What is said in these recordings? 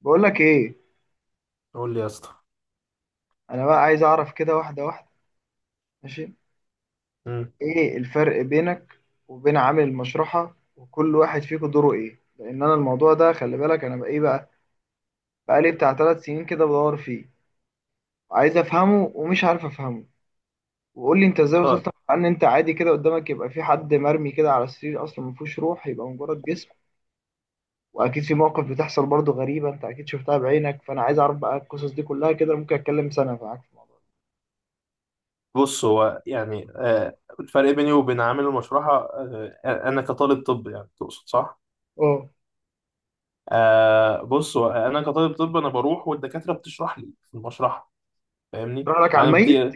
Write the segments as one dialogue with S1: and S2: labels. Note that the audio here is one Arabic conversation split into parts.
S1: بقول لك ايه؟
S2: قول لي يا اسطى.
S1: انا بقى عايز اعرف كده واحده واحده. ماشي.
S2: مم.
S1: ايه الفرق بينك وبين عامل المشرحه وكل واحد فيكم دوره ايه؟ لان انا الموضوع ده، خلي بالك، انا بقى ايه، بقى بقالي بتاع 3 سنين كده بدور فيه. عايز افهمه ومش عارف افهمه. وقول لي انت ازاي
S2: طيب.
S1: وصلت لمرحلة ان انت عادي كده، قدامك يبقى في حد مرمي كده على السرير، اصلا ما فيهوش روح، يبقى مجرد جسم. واكيد في مواقف بتحصل برضو غريبه، انت اكيد شفتها بعينك، فانا عايز اعرف بقى القصص دي كلها كده. ممكن اتكلم سنه معاك في الموضوع
S2: بص، هو يعني الفرق بيني وبين عامل المشرحة، انا كطالب طب، يعني تقصد؟ صح.
S1: ده. اه،
S2: بص، هو انا كطالب طب، انا بروح والدكاترة بتشرح لي في المشرحة. فاهمني؟
S1: تروح لك على
S2: انا
S1: الميت.
S2: بدي...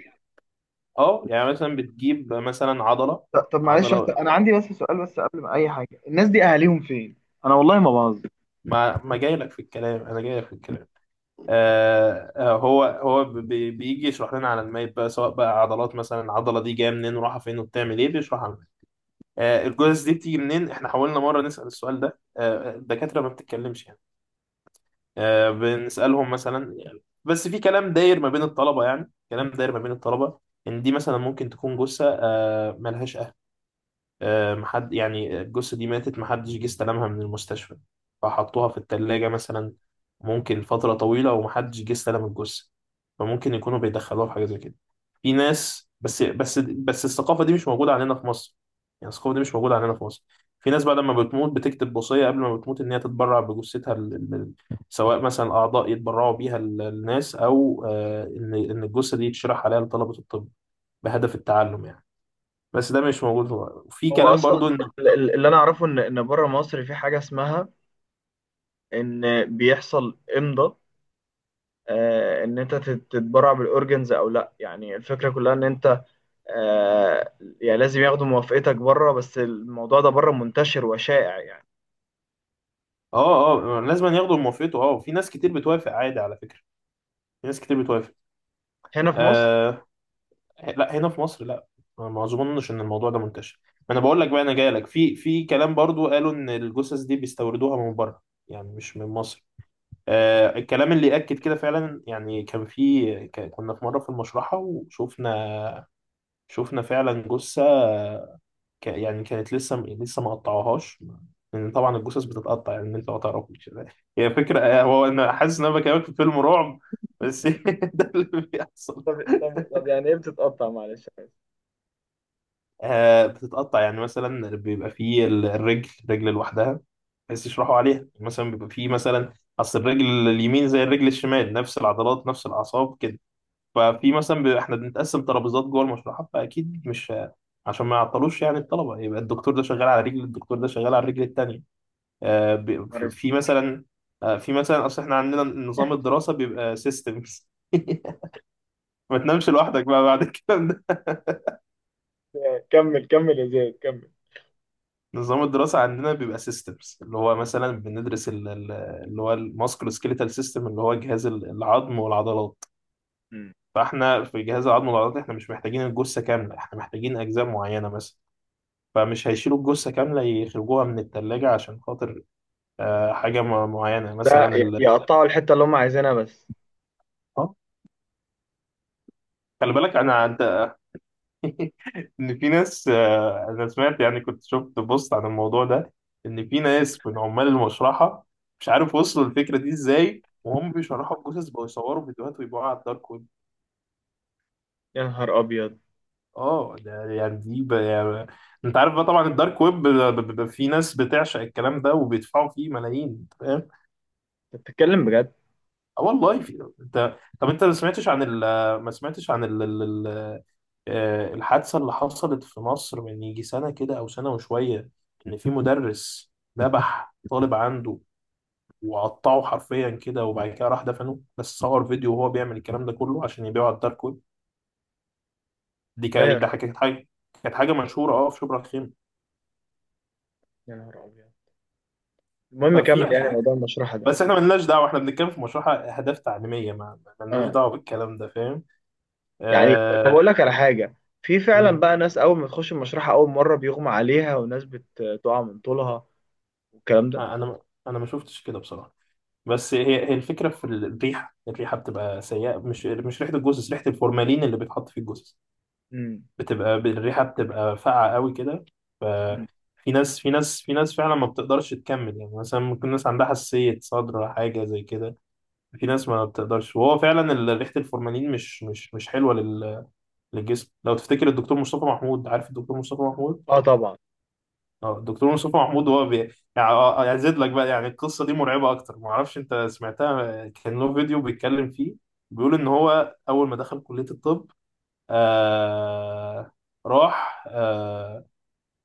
S2: اه، يعني مثلا بتجيب مثلا عضلة.
S1: طب معلش، بس
S2: عضلة.
S1: انا عندي بس سؤال بس قبل ما اي حاجه، الناس دي اهاليهم فين؟ انا والله ما بهزر.
S2: ما جاي لك في الكلام، انا جاي لك في الكلام. هو بيجي يشرح لنا على المايب بقى، سواء بقى عضلات مثلا، العضلة دي جاية منين ورايحة فين وبتعمل ايه، بيشرح. الجثث دي بتيجي منين؟ احنا حاولنا مرة نسأل السؤال ده، الدكاترة ما بتتكلمش يعني. بنسألهم مثلا يعني، بس في كلام داير ما بين الطلبة، يعني كلام داير ما بين الطلبة. إن دي مثلا ممكن تكون جثة ملهاش أهل. محد، يعني الجثة دي ماتت محدش جه استلمها من المستشفى، فحطوها في التلاجة مثلا. ممكن فترة طويلة ومحدش جه استلم الجثة، فممكن يكونوا بيدخلوها في حاجة زي كده. في ناس، بس الثقافة دي مش موجودة عندنا في مصر، يعني الثقافة دي مش موجودة عندنا في مصر. في ناس بقى لما بتموت بتكتب وصية قبل ما بتموت إن هي تتبرع بجثتها سواء مثلا أعضاء يتبرعوا بيها للناس، أو إن الجثة دي يتشرح عليها لطلبة الطب بهدف التعلم يعني. بس ده مش موجود في
S1: هو
S2: كلام برضو
S1: اصلا
S2: إن...
S1: اللي انا اعرفه ان بره مصر في حاجه اسمها ان بيحصل امضاء، ان انت تتبرع بالاورجنز او لا، يعني الفكره كلها ان انت، آه، يعني لازم ياخدوا موافقتك بره، بس الموضوع ده بره منتشر وشائع يعني.
S2: لازم ياخدوا موافقته. في ناس كتير بتوافق عادي على فكرة، في ناس كتير بتوافق.
S1: هنا في مصر؟
S2: آه، إيه، لا، هنا في مصر لا. أنا ما اظنش ان الموضوع ده منتشر. ما انا بقول لك بقى، انا جاي لك في كلام برضو قالوا ان الجثث دي بيستوردوها من بره، يعني مش من مصر. الكلام اللي اكد كده فعلا، يعني كان في كنا في مره في المشرحه وشفنا، شفنا فعلا جثه يعني كانت لسه لسه ما قطعوهاش. لان طبعا الجثث بتتقطع، يعني انت ما تعرفش. هي فكره، هو انا حاسس ان انا بكلمك في فيلم رعب بس. ده اللي بيحصل.
S1: طب طب يعني ايه بتتقطع معلش؟
S2: بتتقطع، يعني مثلا بيبقى فيه الرجل رجل لوحدها، بس يشرحوا عليها مثلا. بيبقى فيه مثلا اصل الرجل اليمين زي الرجل الشمال، نفس العضلات نفس الاعصاب كده. ففي مثلا بيبقى احنا بنتقسم ترابيزات جوه المشرحه، فاكيد مش عشان ما يعطلوش يعني الطلبه، يبقى الدكتور ده شغال على رجل، الدكتور ده شغال على الرجل التانيه. آه بي-
S1: معلش،
S2: في مثلا، في مثلا، اصل احنا عندنا نظام الدراسه بيبقى سيستمز. ما تنامش لوحدك بقى بعد الكلام ده.
S1: كمل كمل يا زياد كمل.
S2: نظام الدراسة عندنا بيبقى سيستمز، اللي هو مثلا بندرس اللي هو الماسكولو سكيليتال سيستم، اللي هو جهاز العظم والعضلات.
S1: مم.
S2: فاحنا في جهاز العظم والعضلات احنا مش محتاجين الجثة كاملة، احنا محتاجين أجزاء معينة مثلا. فمش هيشيلوا الجثة كاملة يخرجوها من التلاجة عشان خاطر حاجة معينة،
S1: ده
S2: مثلا
S1: يقطعوا الحته اللي هم عايزينها بس؟
S2: آه، خلي بالك أنا عدى. ان في ناس، انا سمعت يعني، كنت شفت بوست عن الموضوع ده، ان في ناس من عمال المشرحه، مش عارف وصلوا الفكره دي ازاي، وهم بيشرحوا الجثث بقوا يصوروا فيديوهات ويبيعوها على الدارك ويب.
S1: يا نهار ابيض.
S2: اه، ده يعني، دي يعني... انت عارف بقى طبعا الدارك ويب في ناس بتعشق الكلام ده وبيدفعوا فيه ملايين، انت فاهم؟
S1: انت بتتكلم بجد؟
S2: اه والله، انت طب، انت ما سمعتش عن ما سمعتش عن الحادثة اللي حصلت في مصر من يجي سنة كده أو سنة وشوية، إن في مدرس ذبح طالب عنده وقطعه حرفيا كده، وبعد كده راح دفنه، بس صور فيديو وهو بيعمل الكلام ده كله عشان يبيعه على الدارك ويب. دي
S1: لا يا
S2: كانت ده
S1: رب.
S2: كانت حاجة، كانت حاجة مشهورة، اه، في شبرا الخيمة.
S1: يا نهار ابيض. المهم
S2: ففي
S1: كمل
S2: يعني في
S1: يعني
S2: حاجة،
S1: موضوع المشرحه ده.
S2: بس احنا ملناش دعوة، احنا بنتكلم في مشروع أهداف تعليمية، ملناش
S1: اه،
S2: دعوة بالكلام ده، فاهم؟
S1: يعني طب اقول
S2: آه...
S1: لك على حاجه، في فعلا
S2: مم.
S1: بقى ناس اول ما تخش المشرحه اول مره بيغمى عليها وناس بتقع من طولها والكلام ده.
S2: آه، أنا ما- أنا ما شفتش كده بصراحة. بس هي الفكرة في الريحة، الريحة بتبقى سيئة، مش ريحة الجثث، ريحة الفورمالين اللي بيتحط في الجثث.
S1: امم.
S2: الريحة بتبقى فاقعة قوي كده. ففي ناس في ناس في ناس فعلا ما بتقدرش تكمل، يعني مثلا ممكن ناس عندها حساسية صدر حاجة زي كده. في ناس ما بتقدرش، وهو فعلا ريحة الفورمالين مش حلوة للجسم. لو تفتكر الدكتور مصطفى محمود، عارف الدكتور مصطفى محمود؟
S1: اه طبعا.
S2: اه، الدكتور مصطفى محمود هو يعني ازيد لك بقى، يعني القصه دي مرعبه اكتر، ما اعرفش انت سمعتها، كان له فيديو بيتكلم فيه، بيقول ان هو اول ما دخل كليه الطب آه... راح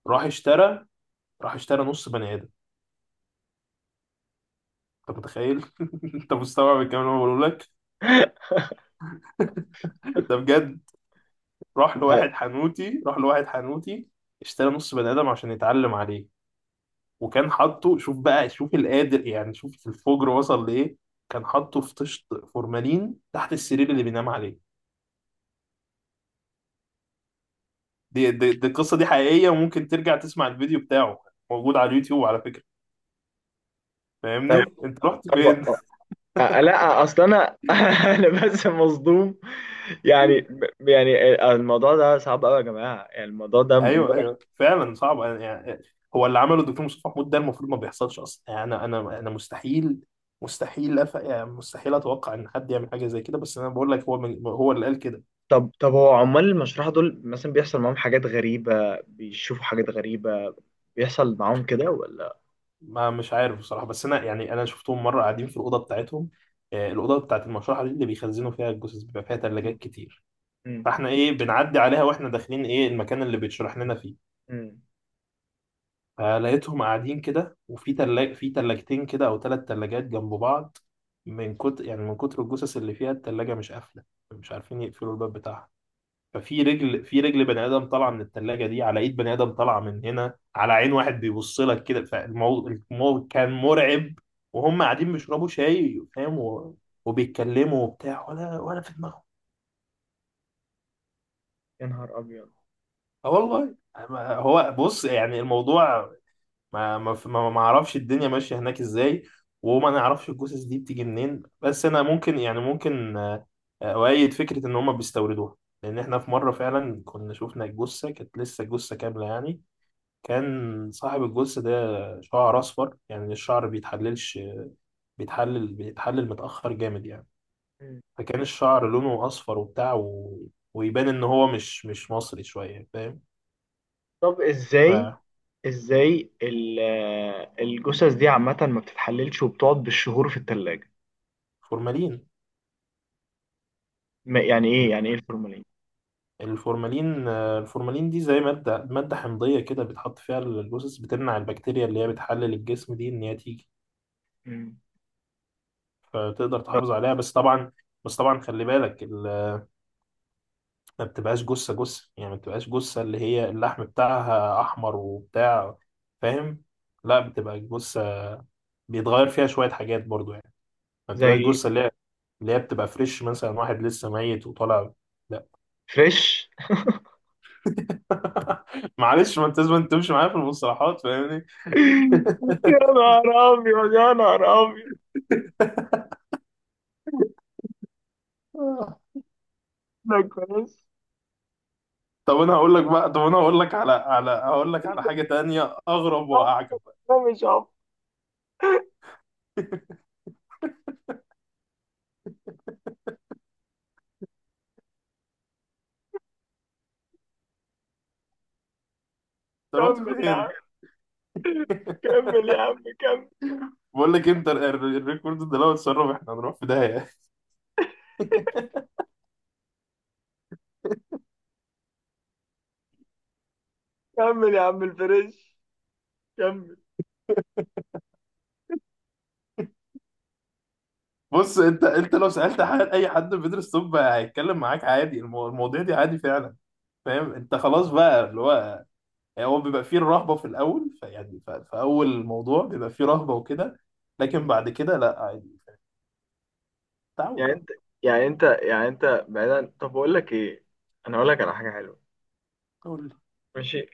S2: راح اشترى، راح اشترى نص بني ادم. انت متخيل؟ انت مستوعب الكلام اللي انا بقوله لك؟ ده بجد. راح لواحد حنوتي، راح لواحد حنوتي، اشترى نص بني ادم عشان يتعلم عليه. وكان حاطه، شوف بقى، شوف القادر يعني، شوف الفجر وصل لإيه، كان حاطه في طشت فورمالين تحت السرير اللي بينام عليه. دي القصة دي حقيقية، وممكن ترجع تسمع الفيديو بتاعه، موجود على اليوتيوب على فكرة.
S1: طب
S2: فاهمني؟ انت رحت فين؟
S1: طب لا اصل انا انا بس مصدوم، يعني، يعني الموضوع ده صعب قوي يا جماعه، يعني الموضوع ده.
S2: ايوه، ايوه، فعلا صعب، يعني هو اللي عمله الدكتور مصطفى محمود ده المفروض ما بيحصلش اصلا، يعني انا مستحيل، مستحيل يعني مستحيل اتوقع ان حد يعمل حاجه زي كده، بس انا بقول لك، هو هو اللي قال كده.
S1: طب هو عمال المشرحة دول مثلا بيحصل معاهم حاجات غريبة، بيشوفوا حاجات غريبة، بيحصل معاهم كده ولا؟
S2: ما مش عارف بصراحة، بس أنا يعني أنا شفتهم مرة قاعدين في الأوضة بتاعتهم. الأوضة بتاعت المشرحة دي اللي بيخزنوا فيها الجثث، بيبقى فيها تلاجات
S1: مم.
S2: كتير.
S1: مم.
S2: فاحنا بنعدي عليها وإحنا داخلين المكان اللي بيتشرح لنا فيه.
S1: مم.
S2: فلقيتهم قاعدين كده، وفي في تلاجتين كده أو ثلاث تلاجات جنب بعض. من كتر، يعني من كتر الجثث اللي فيها، التلاجة مش قافلة، مش عارفين يقفلوا الباب بتاعها. ففي رجل، في رجل بني ادم طالعه من الثلاجه دي، على ايد بني ادم طالعه من هنا، على عين واحد بيبص لك كده، فالموضوع الموضوع كان مرعب. وهم قاعدين بيشربوا شاي، فاهم؟ وبيتكلموا وبتاع، ولا في دماغهم.
S1: يا نهار أبيض.
S2: اه والله. هو بص، يعني الموضوع، ما اعرفش الدنيا ماشيه هناك ازاي، وما نعرفش الجثث دي بتيجي منين. بس انا ممكن، يعني ممكن اؤيد فكره ان هم بيستوردوها، لان احنا في مره فعلا كنا شفنا الجثه، كانت لسه جثه كامله يعني. كان صاحب الجثة ده شعر أصفر، يعني الشعر بيتحللش، بيتحلل، بيتحلل متأخر جامد يعني.
S1: مم.
S2: فكان الشعر لونه أصفر وبتاع ويبان إن هو مش مصري شوية، فاهم؟
S1: طب إزاي الجثث دي عامة ما بتتحللش وبتقعد بالشهور في التلاجة؟
S2: ففورمالين،
S1: يعني إيه الفورمالين؟
S2: الفورمالين، دي زي مادة، مادة حمضية كده، بتحط فيها الجثث، بتمنع البكتيريا اللي هي بتحلل الجسم دي إن هي تيجي،
S1: مم.
S2: فتقدر
S1: طب.
S2: تحافظ عليها. بس طبعا، بس طبعا خلي بالك، ما بتبقاش جثة جثة يعني، ما بتبقاش جثة اللي هي اللحم بتاعها أحمر وبتاع، فاهم؟ لا، بتبقى جثة بيتغير فيها شوية حاجات برضو يعني. ما
S1: زي.
S2: بتبقاش جثة اللي هي، اللي هي بتبقى فريش، مثلا واحد لسه ميت وطالع. لا.
S1: فريش؟
S2: معلش، ما انت لازم تمشي معايا في المصطلحات، فاهمني؟
S1: يا نهار أبيض، يا نهار أبيض. ده كويس.
S2: طب انا هقول لك بقى، طب انا هقول لك على، هقول لك على حاجة تانية اغرب
S1: أه،
S2: واعجب بقى.
S1: ده مش عارف.
S2: انت رحت
S1: كمل يا عم،
S2: فين؟
S1: كمل يا عم، كمل
S2: بقول لك، انت الريكورد ده لو اتسرب احنا هنروح في داهية.
S1: كمل يا عم الفريش، كمل.
S2: بص، انت لو سالت حد، اي حد بيدرس طب هيتكلم معاك عادي، المواضيع دي عادي فعلا، فاهم؟ انت خلاص بقى اللي هو، يعني هو بيبقى فيه الرهبه في الاول، فيعني في اول موضوع بيبقى فيه رهبه وكده، لكن
S1: مم.
S2: بعد كده لا، عادي. تعود
S1: يعني
S2: بقى.
S1: انت يعني انت بعيدا، طب اقول لك ايه، انا اقول لك على حاجه حلوه.
S2: قول لي.
S1: ماشي.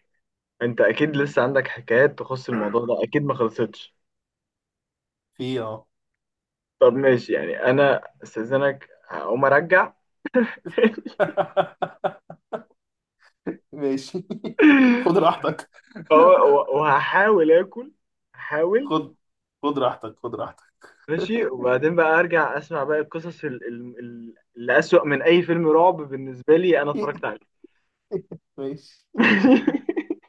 S1: انت اكيد لسه عندك حكايات تخص الموضوع ده، اكيد ما خلصتش.
S2: في ايه؟ اه.
S1: طب ماشي، يعني انا استاذنك هقوم ارجع.
S2: ماشي. خد راحتك.
S1: وه- وهحاول اكل، هحاول.
S2: خد خد راحتك، خد راحتك.
S1: ماشي، وبعدين بقى ارجع اسمع باقي القصص اللي اسوأ من اي فيلم رعب بالنسبه لي انا اتفرجت عليه.
S2: ماشي.